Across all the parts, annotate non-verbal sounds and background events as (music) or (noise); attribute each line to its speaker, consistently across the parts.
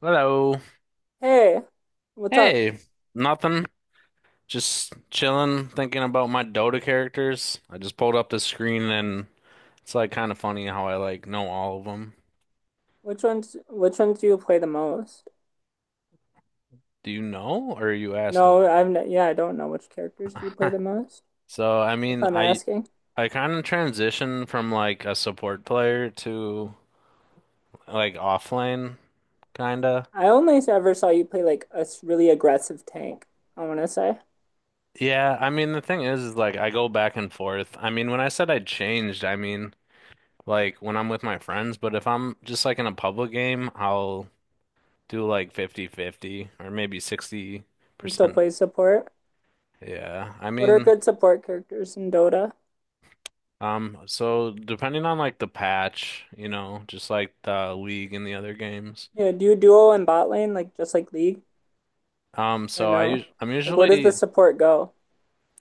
Speaker 1: Hello.
Speaker 2: Hey, what's up?
Speaker 1: Hey, nothing. Just chilling, thinking about my Dota characters. I just pulled up the screen and it's like kind of funny how I like know all of them.
Speaker 2: Which ones do you play the most?
Speaker 1: Do you know or are you asking?
Speaker 2: No,
Speaker 1: (laughs)
Speaker 2: I've n yeah, I don't know which characters do you play
Speaker 1: Huh.
Speaker 2: the most.
Speaker 1: So, I
Speaker 2: If
Speaker 1: mean,
Speaker 2: I'm
Speaker 1: I
Speaker 2: asking.
Speaker 1: I kind of transitioned from like a support player to like offlane kinda.
Speaker 2: I only ever saw you play like a really aggressive tank, I want to say,
Speaker 1: Yeah, I mean the thing is like I go back and forth. I mean, when I said I changed, I mean like when I'm with my friends, but if I'm just like in a public game, I'll do like 50-50, or maybe
Speaker 2: and
Speaker 1: 60%.
Speaker 2: still play support.
Speaker 1: Yeah.
Speaker 2: What are good support characters in Dota?
Speaker 1: So depending on like the patch, you know, just like the league and the other games.
Speaker 2: Yeah, do you duo in bot lane like just like League or no?
Speaker 1: I'm
Speaker 2: Like where does the
Speaker 1: usually
Speaker 2: support go?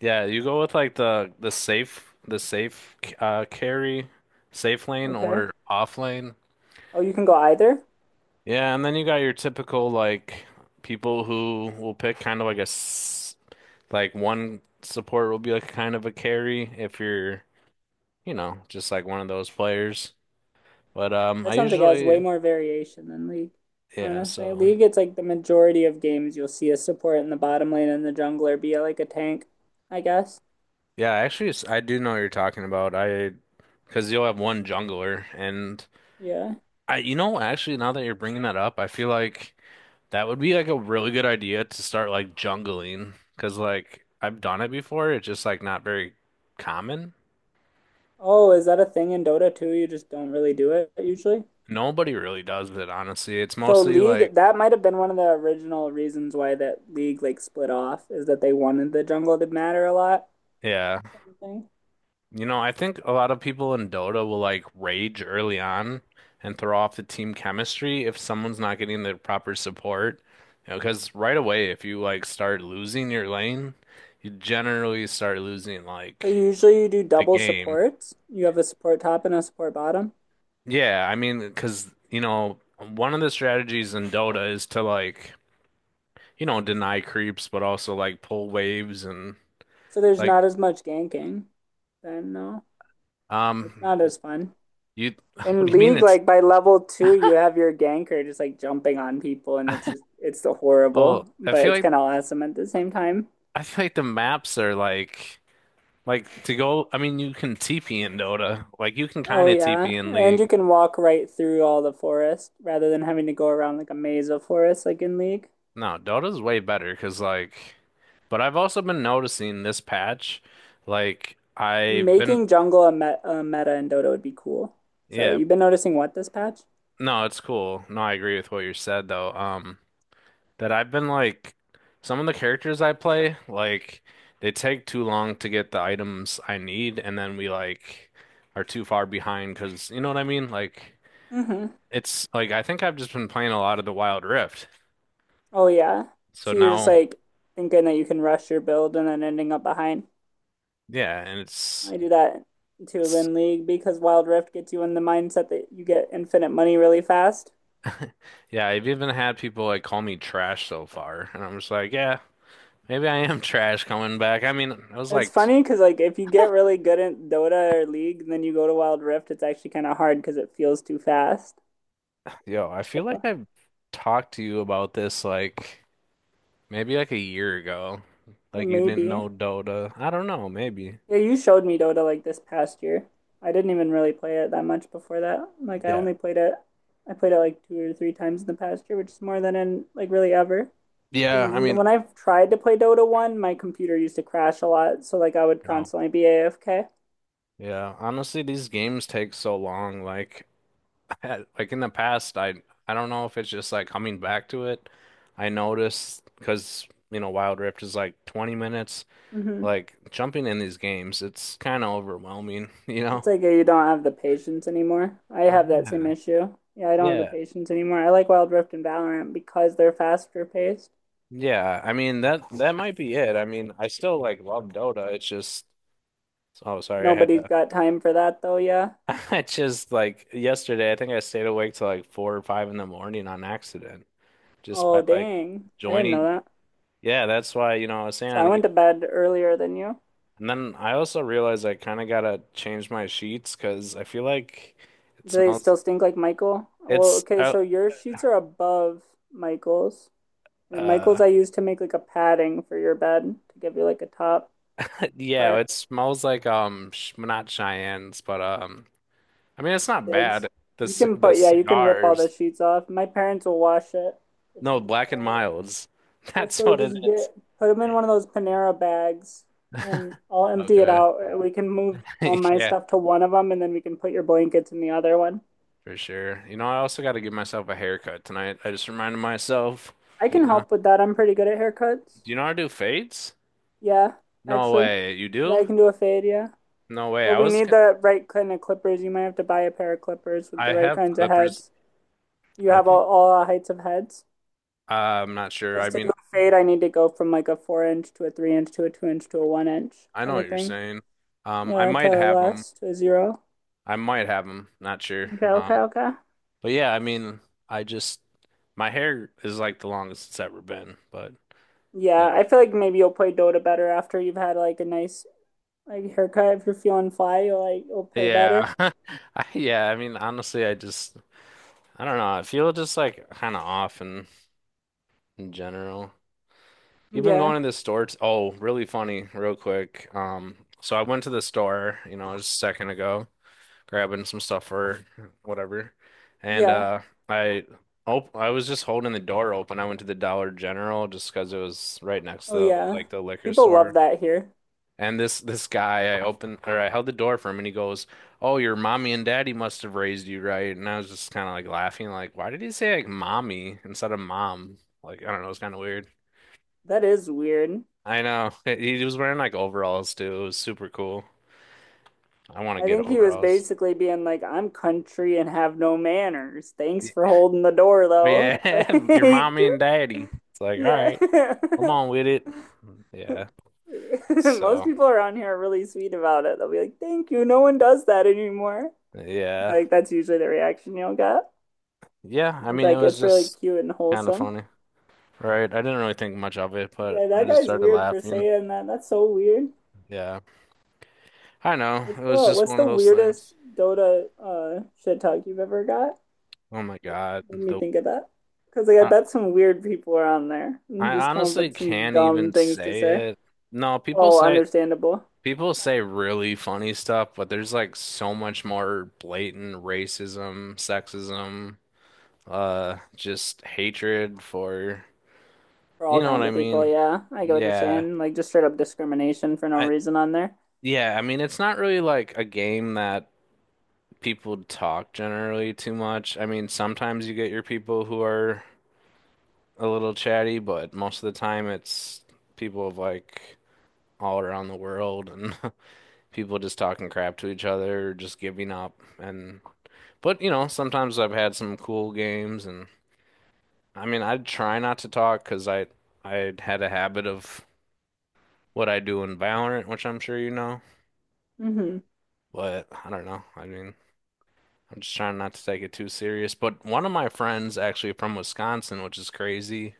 Speaker 1: yeah, you go with like the safe carry, safe lane
Speaker 2: Okay.
Speaker 1: or off lane.
Speaker 2: Oh, you can go either?
Speaker 1: Yeah, and then you got your typical like people who will pick kind of like a s like one support will be like kind of a carry if you're you know, just like one of those players. But
Speaker 2: That
Speaker 1: I
Speaker 2: sounds like it has way
Speaker 1: usually,
Speaker 2: more variation than League.
Speaker 1: yeah,
Speaker 2: Honestly,
Speaker 1: so
Speaker 2: League, it's like the majority of games you'll see a support in the bottom lane and the jungler be like a tank, I guess.
Speaker 1: yeah, actually, I do know what you're talking about. Because you'll have one jungler, and
Speaker 2: Yeah.
Speaker 1: you know, actually, now that you're bringing that up, I feel like that would be like a really good idea to start like jungling, because like I've done it before. It's just like not very common.
Speaker 2: Oh, is that a thing in Dota too? You just don't really do it usually?
Speaker 1: Nobody really does it, honestly. It's
Speaker 2: So
Speaker 1: mostly like,
Speaker 2: League, that might have been one of the original reasons why that League like split off is that they wanted the jungle to matter a lot,
Speaker 1: yeah.
Speaker 2: kind of thing.
Speaker 1: You know, I think a lot of people in Dota will like rage early on and throw off the team chemistry if someone's not getting the proper support. You know, because right away, if you like start losing your lane, you generally start losing
Speaker 2: So
Speaker 1: like
Speaker 2: usually you do
Speaker 1: the
Speaker 2: double
Speaker 1: game.
Speaker 2: supports. You have a support top and a support bottom.
Speaker 1: Yeah, I mean, because you know, one of the strategies in Dota is to like, you know, deny creeps, but also like pull waves and
Speaker 2: So there's not
Speaker 1: like,
Speaker 2: as much ganking. Then no, it's not
Speaker 1: um,
Speaker 2: as fun.
Speaker 1: you, (laughs) what do
Speaker 2: In
Speaker 1: you mean
Speaker 2: League,
Speaker 1: it's
Speaker 2: like by level 2, you have your ganker just like jumping on people, and it's
Speaker 1: (laughs)
Speaker 2: just it's so
Speaker 1: Oh,
Speaker 2: horrible,
Speaker 1: I
Speaker 2: but
Speaker 1: feel
Speaker 2: it's
Speaker 1: like
Speaker 2: kind of awesome at the same time.
Speaker 1: the maps are like to go. I mean, you can TP in Dota. Like you can
Speaker 2: Oh
Speaker 1: kind of TP
Speaker 2: yeah,
Speaker 1: in
Speaker 2: and you
Speaker 1: League.
Speaker 2: can walk right through all the forest rather than having to go around like a maze of forest like in League.
Speaker 1: No, Dota's way better because like. But I've also been noticing this patch, like I've been
Speaker 2: Making jungle a meta in Dota would be cool. Sorry,
Speaker 1: yeah.
Speaker 2: you've been noticing what this patch?
Speaker 1: No, it's cool. No, I agree with what you said though. That I've been like some of the characters I play, like they take too long to get the items I need, and then we like are too far behind because you know what I mean, like.
Speaker 2: Mm-hmm.
Speaker 1: It's like I think I've just been playing a lot of the Wild Rift.
Speaker 2: Oh yeah.
Speaker 1: So
Speaker 2: So you're just
Speaker 1: now,
Speaker 2: like thinking that you can rush your build and then ending up behind.
Speaker 1: yeah, and
Speaker 2: I do that to
Speaker 1: it's
Speaker 2: win League because Wild Rift gets you in the mindset that you get infinite money really fast.
Speaker 1: yeah, I've even had people like call me trash so far, and I'm just like, yeah, maybe I am (laughs) trash coming back. I mean, I was
Speaker 2: It's
Speaker 1: like,
Speaker 2: funny because like if you get really good at Dota or League, and then you go to Wild Rift, it's actually kind of hard because it feels too fast.
Speaker 1: yo, I feel like I've talked to you about this like maybe like a year ago.
Speaker 2: Yeah,
Speaker 1: Like you didn't
Speaker 2: maybe.
Speaker 1: know Dota. I don't know, maybe.
Speaker 2: Yeah, you showed me Dota like this past year. I didn't even really play it that much before that.
Speaker 1: Yeah.
Speaker 2: I played it like 2 or 3 times in the past year, which is more than in like really ever. Because
Speaker 1: Yeah, I mean,
Speaker 2: when I've tried to play Dota 1, my computer used to crash a lot, so like I would
Speaker 1: no.
Speaker 2: constantly be AFK.
Speaker 1: Yeah, honestly, these games take so long like like in the past, I don't know if it's just like coming back to it. I noticed because you know Wild Rift is like 20 minutes.
Speaker 2: hmm
Speaker 1: Like jumping in these games, it's kind of overwhelming, (laughs) you know?
Speaker 2: It's like you don't have the patience anymore. I have that same
Speaker 1: Yeah.
Speaker 2: issue. Yeah, I don't have the
Speaker 1: Yeah.
Speaker 2: patience anymore. I like Wild Rift and Valorant because they're faster paced.
Speaker 1: Yeah. I mean that might be it. I mean, I still like love Dota. It's just oh sorry, I had
Speaker 2: Nobody's
Speaker 1: to
Speaker 2: got time for that though, yeah.
Speaker 1: (laughs) it's just like yesterday I think I stayed awake till like four or five in the morning on accident just by
Speaker 2: Oh,
Speaker 1: like
Speaker 2: dang. I didn't know
Speaker 1: joining.
Speaker 2: that.
Speaker 1: Yeah, that's why, you know, I was saying
Speaker 2: So I
Speaker 1: I
Speaker 2: went to bed earlier than you.
Speaker 1: and then I also realized I kind of gotta change my sheets because I feel like it
Speaker 2: Do they
Speaker 1: smells.
Speaker 2: still stink like Michael? Well,
Speaker 1: It's
Speaker 2: okay, so your sheets are above Michael's.
Speaker 1: uh
Speaker 2: Michael's I used to make like a padding for your bed to give you like a top
Speaker 1: (laughs) yeah,
Speaker 2: part.
Speaker 1: it smells like sh not Cheyennes, but I mean it's not bad.
Speaker 2: Eggs. You can
Speaker 1: The
Speaker 2: put Yeah, you can rip all the
Speaker 1: cigars,
Speaker 2: sheets off. My parents will wash it if
Speaker 1: no
Speaker 2: you
Speaker 1: Black and
Speaker 2: desire
Speaker 1: Milds. (laughs)
Speaker 2: it.
Speaker 1: That's
Speaker 2: So
Speaker 1: what it
Speaker 2: just
Speaker 1: is.
Speaker 2: get put them
Speaker 1: Yeah.
Speaker 2: in one of those Panera bags, and I'll empty it
Speaker 1: Okay.
Speaker 2: out. We can move all
Speaker 1: (laughs)
Speaker 2: my
Speaker 1: Yeah,
Speaker 2: stuff to one of them, and then we can put your blankets in the other one.
Speaker 1: for sure. You know, I also got to give myself a haircut tonight. I just reminded myself.
Speaker 2: I
Speaker 1: You
Speaker 2: can
Speaker 1: know,
Speaker 2: help with that. I'm pretty good at haircuts.
Speaker 1: do you know how to do fades?
Speaker 2: Yeah,
Speaker 1: No
Speaker 2: actually.
Speaker 1: way. You
Speaker 2: Yeah, I
Speaker 1: do?
Speaker 2: can do a fade, yeah.
Speaker 1: No way.
Speaker 2: But
Speaker 1: I
Speaker 2: we
Speaker 1: was.
Speaker 2: need the right kind of clippers. You might have to buy a pair of clippers with the
Speaker 1: I
Speaker 2: right
Speaker 1: have
Speaker 2: kinds of
Speaker 1: clippers.
Speaker 2: heads. You
Speaker 1: I
Speaker 2: have
Speaker 1: think
Speaker 2: all heights of heads.
Speaker 1: I'm not sure. I
Speaker 2: Because to do
Speaker 1: mean,
Speaker 2: a fade, I need to go from like a 4 inch to a 3 inch to a 2 inch to a 1 inch,
Speaker 1: I know
Speaker 2: kind
Speaker 1: what
Speaker 2: of
Speaker 1: you're
Speaker 2: thing.
Speaker 1: saying. I
Speaker 2: Yeah,
Speaker 1: might have them.
Speaker 2: to a zero.
Speaker 1: I might have them. Not sure.
Speaker 2: Okay, okay,
Speaker 1: Um,
Speaker 2: okay.
Speaker 1: but yeah, I mean, I just my hair is like the longest it's ever been. But you
Speaker 2: Yeah,
Speaker 1: know,
Speaker 2: I feel like maybe you'll play Dota better after you've had like a nice like haircut. If you're feeling fly, you'll play better.
Speaker 1: yeah, (laughs) yeah. I mean, honestly, I just I don't know. I feel just like kind of off in general. Even
Speaker 2: Yeah,
Speaker 1: going to the store. T Oh, really funny, real quick. So I went to the store, you know, just a second ago, grabbing some stuff or (laughs) whatever. And
Speaker 2: yeah.
Speaker 1: I op I was just holding the door open. I went to the Dollar General just because it was right next to
Speaker 2: Oh yeah.
Speaker 1: like the liquor
Speaker 2: People love
Speaker 1: store.
Speaker 2: that here.
Speaker 1: And this guy, I opened or I held the door for him, and he goes, "Oh, your mommy and daddy must have raised you right." And I was just kind of like laughing, like, "Why did he say like mommy instead of mom?" Like, I don't know, it's kind of weird.
Speaker 2: That is weird.
Speaker 1: I know (laughs) he was wearing like overalls too. It was super cool. I want to
Speaker 2: I
Speaker 1: get
Speaker 2: think he was
Speaker 1: overalls.
Speaker 2: basically being like, I'm country and have no manners. Thanks for holding the door though. (laughs)
Speaker 1: Yeah, (laughs) your
Speaker 2: Like,
Speaker 1: mommy and daddy. It's like, all
Speaker 2: yeah.
Speaker 1: right, come
Speaker 2: (laughs)
Speaker 1: on with it. Yeah.
Speaker 2: (laughs) Most
Speaker 1: So,
Speaker 2: people around here are really sweet about it. They'll be like, "Thank you. No one does that anymore."
Speaker 1: yeah.
Speaker 2: Like that's usually the reaction you'll get.
Speaker 1: Yeah, I
Speaker 2: It's
Speaker 1: mean, it
Speaker 2: like
Speaker 1: was
Speaker 2: it's really
Speaker 1: just
Speaker 2: cute and
Speaker 1: kind of
Speaker 2: wholesome.
Speaker 1: funny, right? I didn't really think much of it, but
Speaker 2: Yeah,
Speaker 1: I
Speaker 2: that
Speaker 1: just
Speaker 2: guy's
Speaker 1: started
Speaker 2: weird for
Speaker 1: laughing.
Speaker 2: saying that. That's so weird.
Speaker 1: Yeah. I know. It
Speaker 2: What's
Speaker 1: was
Speaker 2: the
Speaker 1: just
Speaker 2: what's
Speaker 1: one
Speaker 2: the
Speaker 1: of those
Speaker 2: weirdest
Speaker 1: things.
Speaker 2: Dota shit talk you've ever got?
Speaker 1: Oh my God.
Speaker 2: Made me think of that. Because like I
Speaker 1: I,
Speaker 2: bet some weird people are on there
Speaker 1: I
Speaker 2: and just come up
Speaker 1: honestly
Speaker 2: with some
Speaker 1: can't
Speaker 2: dumb
Speaker 1: even
Speaker 2: things to say.
Speaker 1: say it. No,
Speaker 2: Oh, understandable.
Speaker 1: people say really funny stuff, but there's like so much more blatant racism, sexism. Just hatred for,
Speaker 2: For
Speaker 1: you
Speaker 2: all
Speaker 1: know what
Speaker 2: kinds
Speaker 1: I
Speaker 2: of people,
Speaker 1: mean?
Speaker 2: yeah. I get what you're
Speaker 1: Yeah.
Speaker 2: saying. Like just straight up discrimination for no
Speaker 1: I
Speaker 2: reason on there.
Speaker 1: yeah, I mean it's not really like a game that people talk generally too much. I mean, sometimes you get your people who are a little chatty, but most of the time it's people of like all around the world and (laughs) people just talking crap to each other or just giving up and but you know, sometimes I've had some cool games and I mean, I try not to talk because I had a habit of what I do in Valorant, which I'm sure you know.
Speaker 2: Hmm.
Speaker 1: But I don't know. I mean, I'm just trying not to take it too serious. But one of my friends, actually from Wisconsin, which is crazy,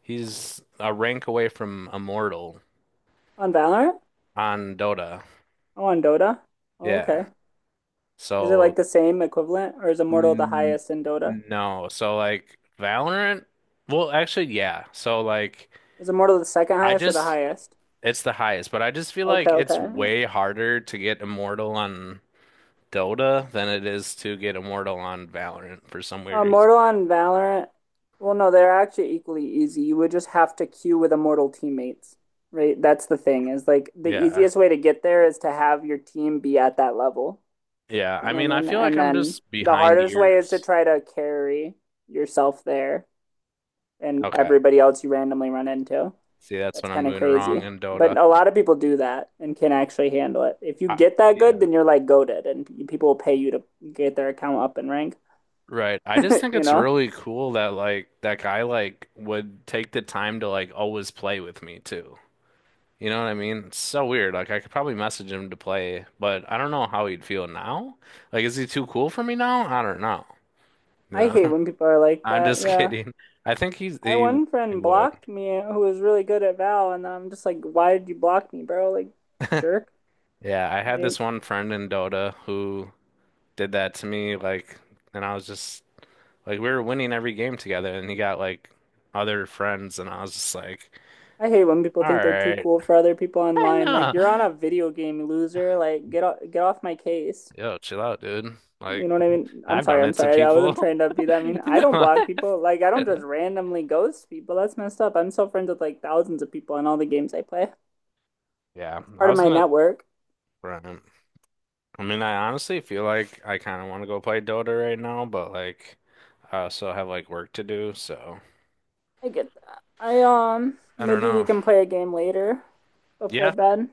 Speaker 1: he's a rank away from Immortal
Speaker 2: On Valorant?
Speaker 1: on Dota.
Speaker 2: Oh, on Dota? Oh,
Speaker 1: Yeah.
Speaker 2: okay. Is it
Speaker 1: So,
Speaker 2: like the same equivalent, or is Immortal the
Speaker 1: n-
Speaker 2: highest in Dota?
Speaker 1: no. So, like, Valorant, well, actually, yeah. So, like,
Speaker 2: Is Immortal the second
Speaker 1: I
Speaker 2: highest or the
Speaker 1: just,
Speaker 2: highest?
Speaker 1: It's the highest, but I just feel
Speaker 2: Okay,
Speaker 1: like it's
Speaker 2: okay.
Speaker 1: way harder to get Immortal on Dota than it is to get immortal on Valorant for some weird reason.
Speaker 2: Immortal on Valorant. Well, no, they're actually equally easy. You would just have to queue with Immortal teammates, right? That's the thing, is like the
Speaker 1: Yeah.
Speaker 2: easiest way to get there is to have your team be at that level.
Speaker 1: Yeah.
Speaker 2: You know
Speaker 1: I
Speaker 2: what I
Speaker 1: mean, I
Speaker 2: mean?
Speaker 1: feel like
Speaker 2: And
Speaker 1: I'm
Speaker 2: then
Speaker 1: just
Speaker 2: the
Speaker 1: behind
Speaker 2: hardest way is to
Speaker 1: years.
Speaker 2: try to carry yourself there and
Speaker 1: Okay.
Speaker 2: everybody else you randomly run into.
Speaker 1: See, that's
Speaker 2: That's
Speaker 1: what I'm
Speaker 2: kind of
Speaker 1: doing wrong
Speaker 2: crazy.
Speaker 1: in Dota.
Speaker 2: But a lot of people do that and can actually handle it. If you
Speaker 1: I,
Speaker 2: get that good,
Speaker 1: yeah.
Speaker 2: then you're like goaded and people will pay you to get their account up in rank,
Speaker 1: Right. I just think
Speaker 2: you
Speaker 1: it's
Speaker 2: know?
Speaker 1: really cool that like that guy like would take the time to like always play with me too. You know what I mean? It's so weird. Like I could probably message him to play, but I don't know how he'd feel now. Like is he too cool for me now? I don't know. You
Speaker 2: I
Speaker 1: know?
Speaker 2: hate when people are
Speaker 1: (laughs)
Speaker 2: like
Speaker 1: I'm
Speaker 2: that.
Speaker 1: just
Speaker 2: Yeah.
Speaker 1: kidding. I think he's
Speaker 2: My
Speaker 1: he
Speaker 2: one
Speaker 1: he
Speaker 2: friend
Speaker 1: would.
Speaker 2: blocked me who was really good at Val, and I'm just like, why did you block me, bro? Like, jerk.
Speaker 1: (laughs) Yeah, I had
Speaker 2: Like,
Speaker 1: this one friend in Dota who did that to me, like, and I was just like, we were winning every game together, and he got like other friends, and I was just like,
Speaker 2: I hate when people
Speaker 1: all
Speaker 2: think they're too
Speaker 1: right,
Speaker 2: cool for other people
Speaker 1: I
Speaker 2: online. Like,
Speaker 1: know.
Speaker 2: you're on a video game, loser. Like, get off my case.
Speaker 1: Yo, chill out, dude.
Speaker 2: You
Speaker 1: Like,
Speaker 2: know what I mean? I'm
Speaker 1: I've
Speaker 2: sorry,
Speaker 1: done
Speaker 2: I'm
Speaker 1: it to
Speaker 2: sorry. I wasn't
Speaker 1: people. (laughs)
Speaker 2: trying to be that. I mean, I
Speaker 1: No.
Speaker 2: don't
Speaker 1: (laughs)
Speaker 2: block people. Like, I don't just randomly ghost people. That's messed up. I'm still friends with like thousands of people in all the games I play.
Speaker 1: Yeah,
Speaker 2: It's
Speaker 1: I
Speaker 2: part of
Speaker 1: was
Speaker 2: my
Speaker 1: gonna.
Speaker 2: network.
Speaker 1: Right. I mean, I honestly feel like I kind of want to go play Dota right now, but like, I also have like work to do, so
Speaker 2: I get that. I
Speaker 1: I don't
Speaker 2: Maybe we
Speaker 1: know.
Speaker 2: can play a game later before
Speaker 1: Yeah,
Speaker 2: bed.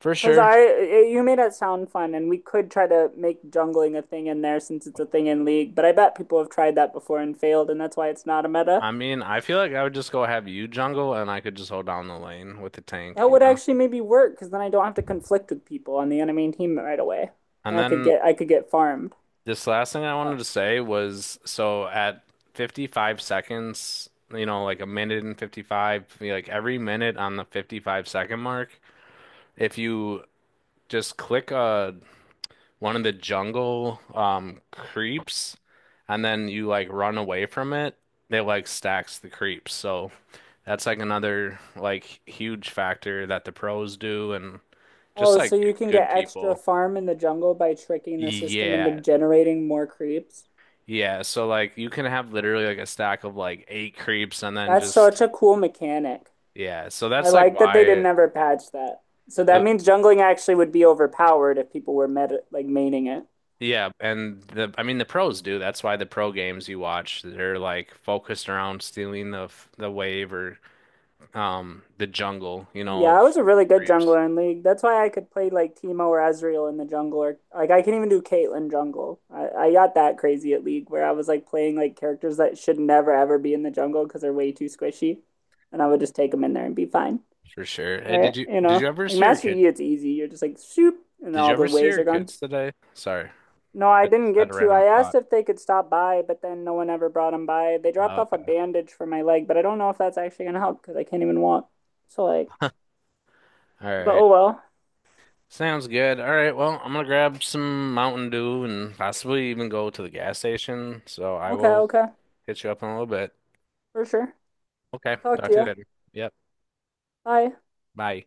Speaker 1: for sure.
Speaker 2: You made it sound fun and we could try to make jungling a thing in there since it's a thing in League, but I bet people have tried that before and failed and that's why it's not a meta.
Speaker 1: I mean, I feel like I would just go have you jungle and I could just hold down the lane with the tank,
Speaker 2: That
Speaker 1: you
Speaker 2: would
Speaker 1: know?
Speaker 2: actually maybe work because then I don't have to conflict with people on the enemy team right away,
Speaker 1: And
Speaker 2: and I could
Speaker 1: then
Speaker 2: get I could get farmed.
Speaker 1: this last thing I
Speaker 2: Uh,
Speaker 1: wanted to say was so at 55 seconds, you know, like a minute and 55, like every minute on the 55-second mark, if you just click one of the jungle creeps and then you like run away from it, they like stacks the creeps. So that's like another like huge factor that the pros do and just
Speaker 2: oh,
Speaker 1: like
Speaker 2: so you can
Speaker 1: good
Speaker 2: get extra
Speaker 1: people.
Speaker 2: farm in the jungle by tricking the system into
Speaker 1: Yeah.
Speaker 2: generating more creeps.
Speaker 1: Yeah. So like you can have literally like a stack of like 8 creeps and then
Speaker 2: That's
Speaker 1: just
Speaker 2: such a cool mechanic.
Speaker 1: yeah. So
Speaker 2: I
Speaker 1: that's like
Speaker 2: like that
Speaker 1: why
Speaker 2: they didn't
Speaker 1: it,
Speaker 2: ever patch that. So that
Speaker 1: the
Speaker 2: means jungling actually would be overpowered if people were meta like maining it.
Speaker 1: yeah, and the I mean the pros do. That's why the pro games you watch, they're like focused around stealing the wave or the jungle, you know,
Speaker 2: Yeah, I
Speaker 1: of
Speaker 2: was a really good
Speaker 1: creeps.
Speaker 2: jungler in League. That's why I could play like Teemo or Ezreal in the jungle, or like I can even do Caitlyn jungle. I got that crazy at League where I was like playing like characters that should never ever be in the jungle because they're way too squishy, and I would just take them in there and be fine.
Speaker 1: For sure. Hey,
Speaker 2: Right?
Speaker 1: did you
Speaker 2: You
Speaker 1: did you
Speaker 2: know,
Speaker 1: ever
Speaker 2: like
Speaker 1: see your
Speaker 2: Master
Speaker 1: kid?
Speaker 2: Yi, it's easy. You're just like shoop, and
Speaker 1: Did
Speaker 2: all
Speaker 1: you ever
Speaker 2: the
Speaker 1: see
Speaker 2: waves are
Speaker 1: your
Speaker 2: gone.
Speaker 1: kids today? Sorry.
Speaker 2: No, I
Speaker 1: I just
Speaker 2: didn't
Speaker 1: had
Speaker 2: get
Speaker 1: a
Speaker 2: to. I
Speaker 1: random
Speaker 2: asked
Speaker 1: thought.
Speaker 2: if they could stop by, but then no one ever brought them by. They dropped
Speaker 1: Oh,
Speaker 2: off a
Speaker 1: okay.
Speaker 2: bandage for my leg, but I don't know if that's actually gonna help because I can't even walk. So like,
Speaker 1: All
Speaker 2: but
Speaker 1: right.
Speaker 2: oh well.
Speaker 1: Sounds good. All right, well, I'm gonna grab some Mountain Dew and possibly even go to the gas station. So I
Speaker 2: Okay,
Speaker 1: will
Speaker 2: okay.
Speaker 1: hit you up in a little bit.
Speaker 2: For sure.
Speaker 1: Okay,
Speaker 2: Talk to
Speaker 1: talk to you
Speaker 2: you.
Speaker 1: later. Yep,
Speaker 2: Bye.
Speaker 1: bye.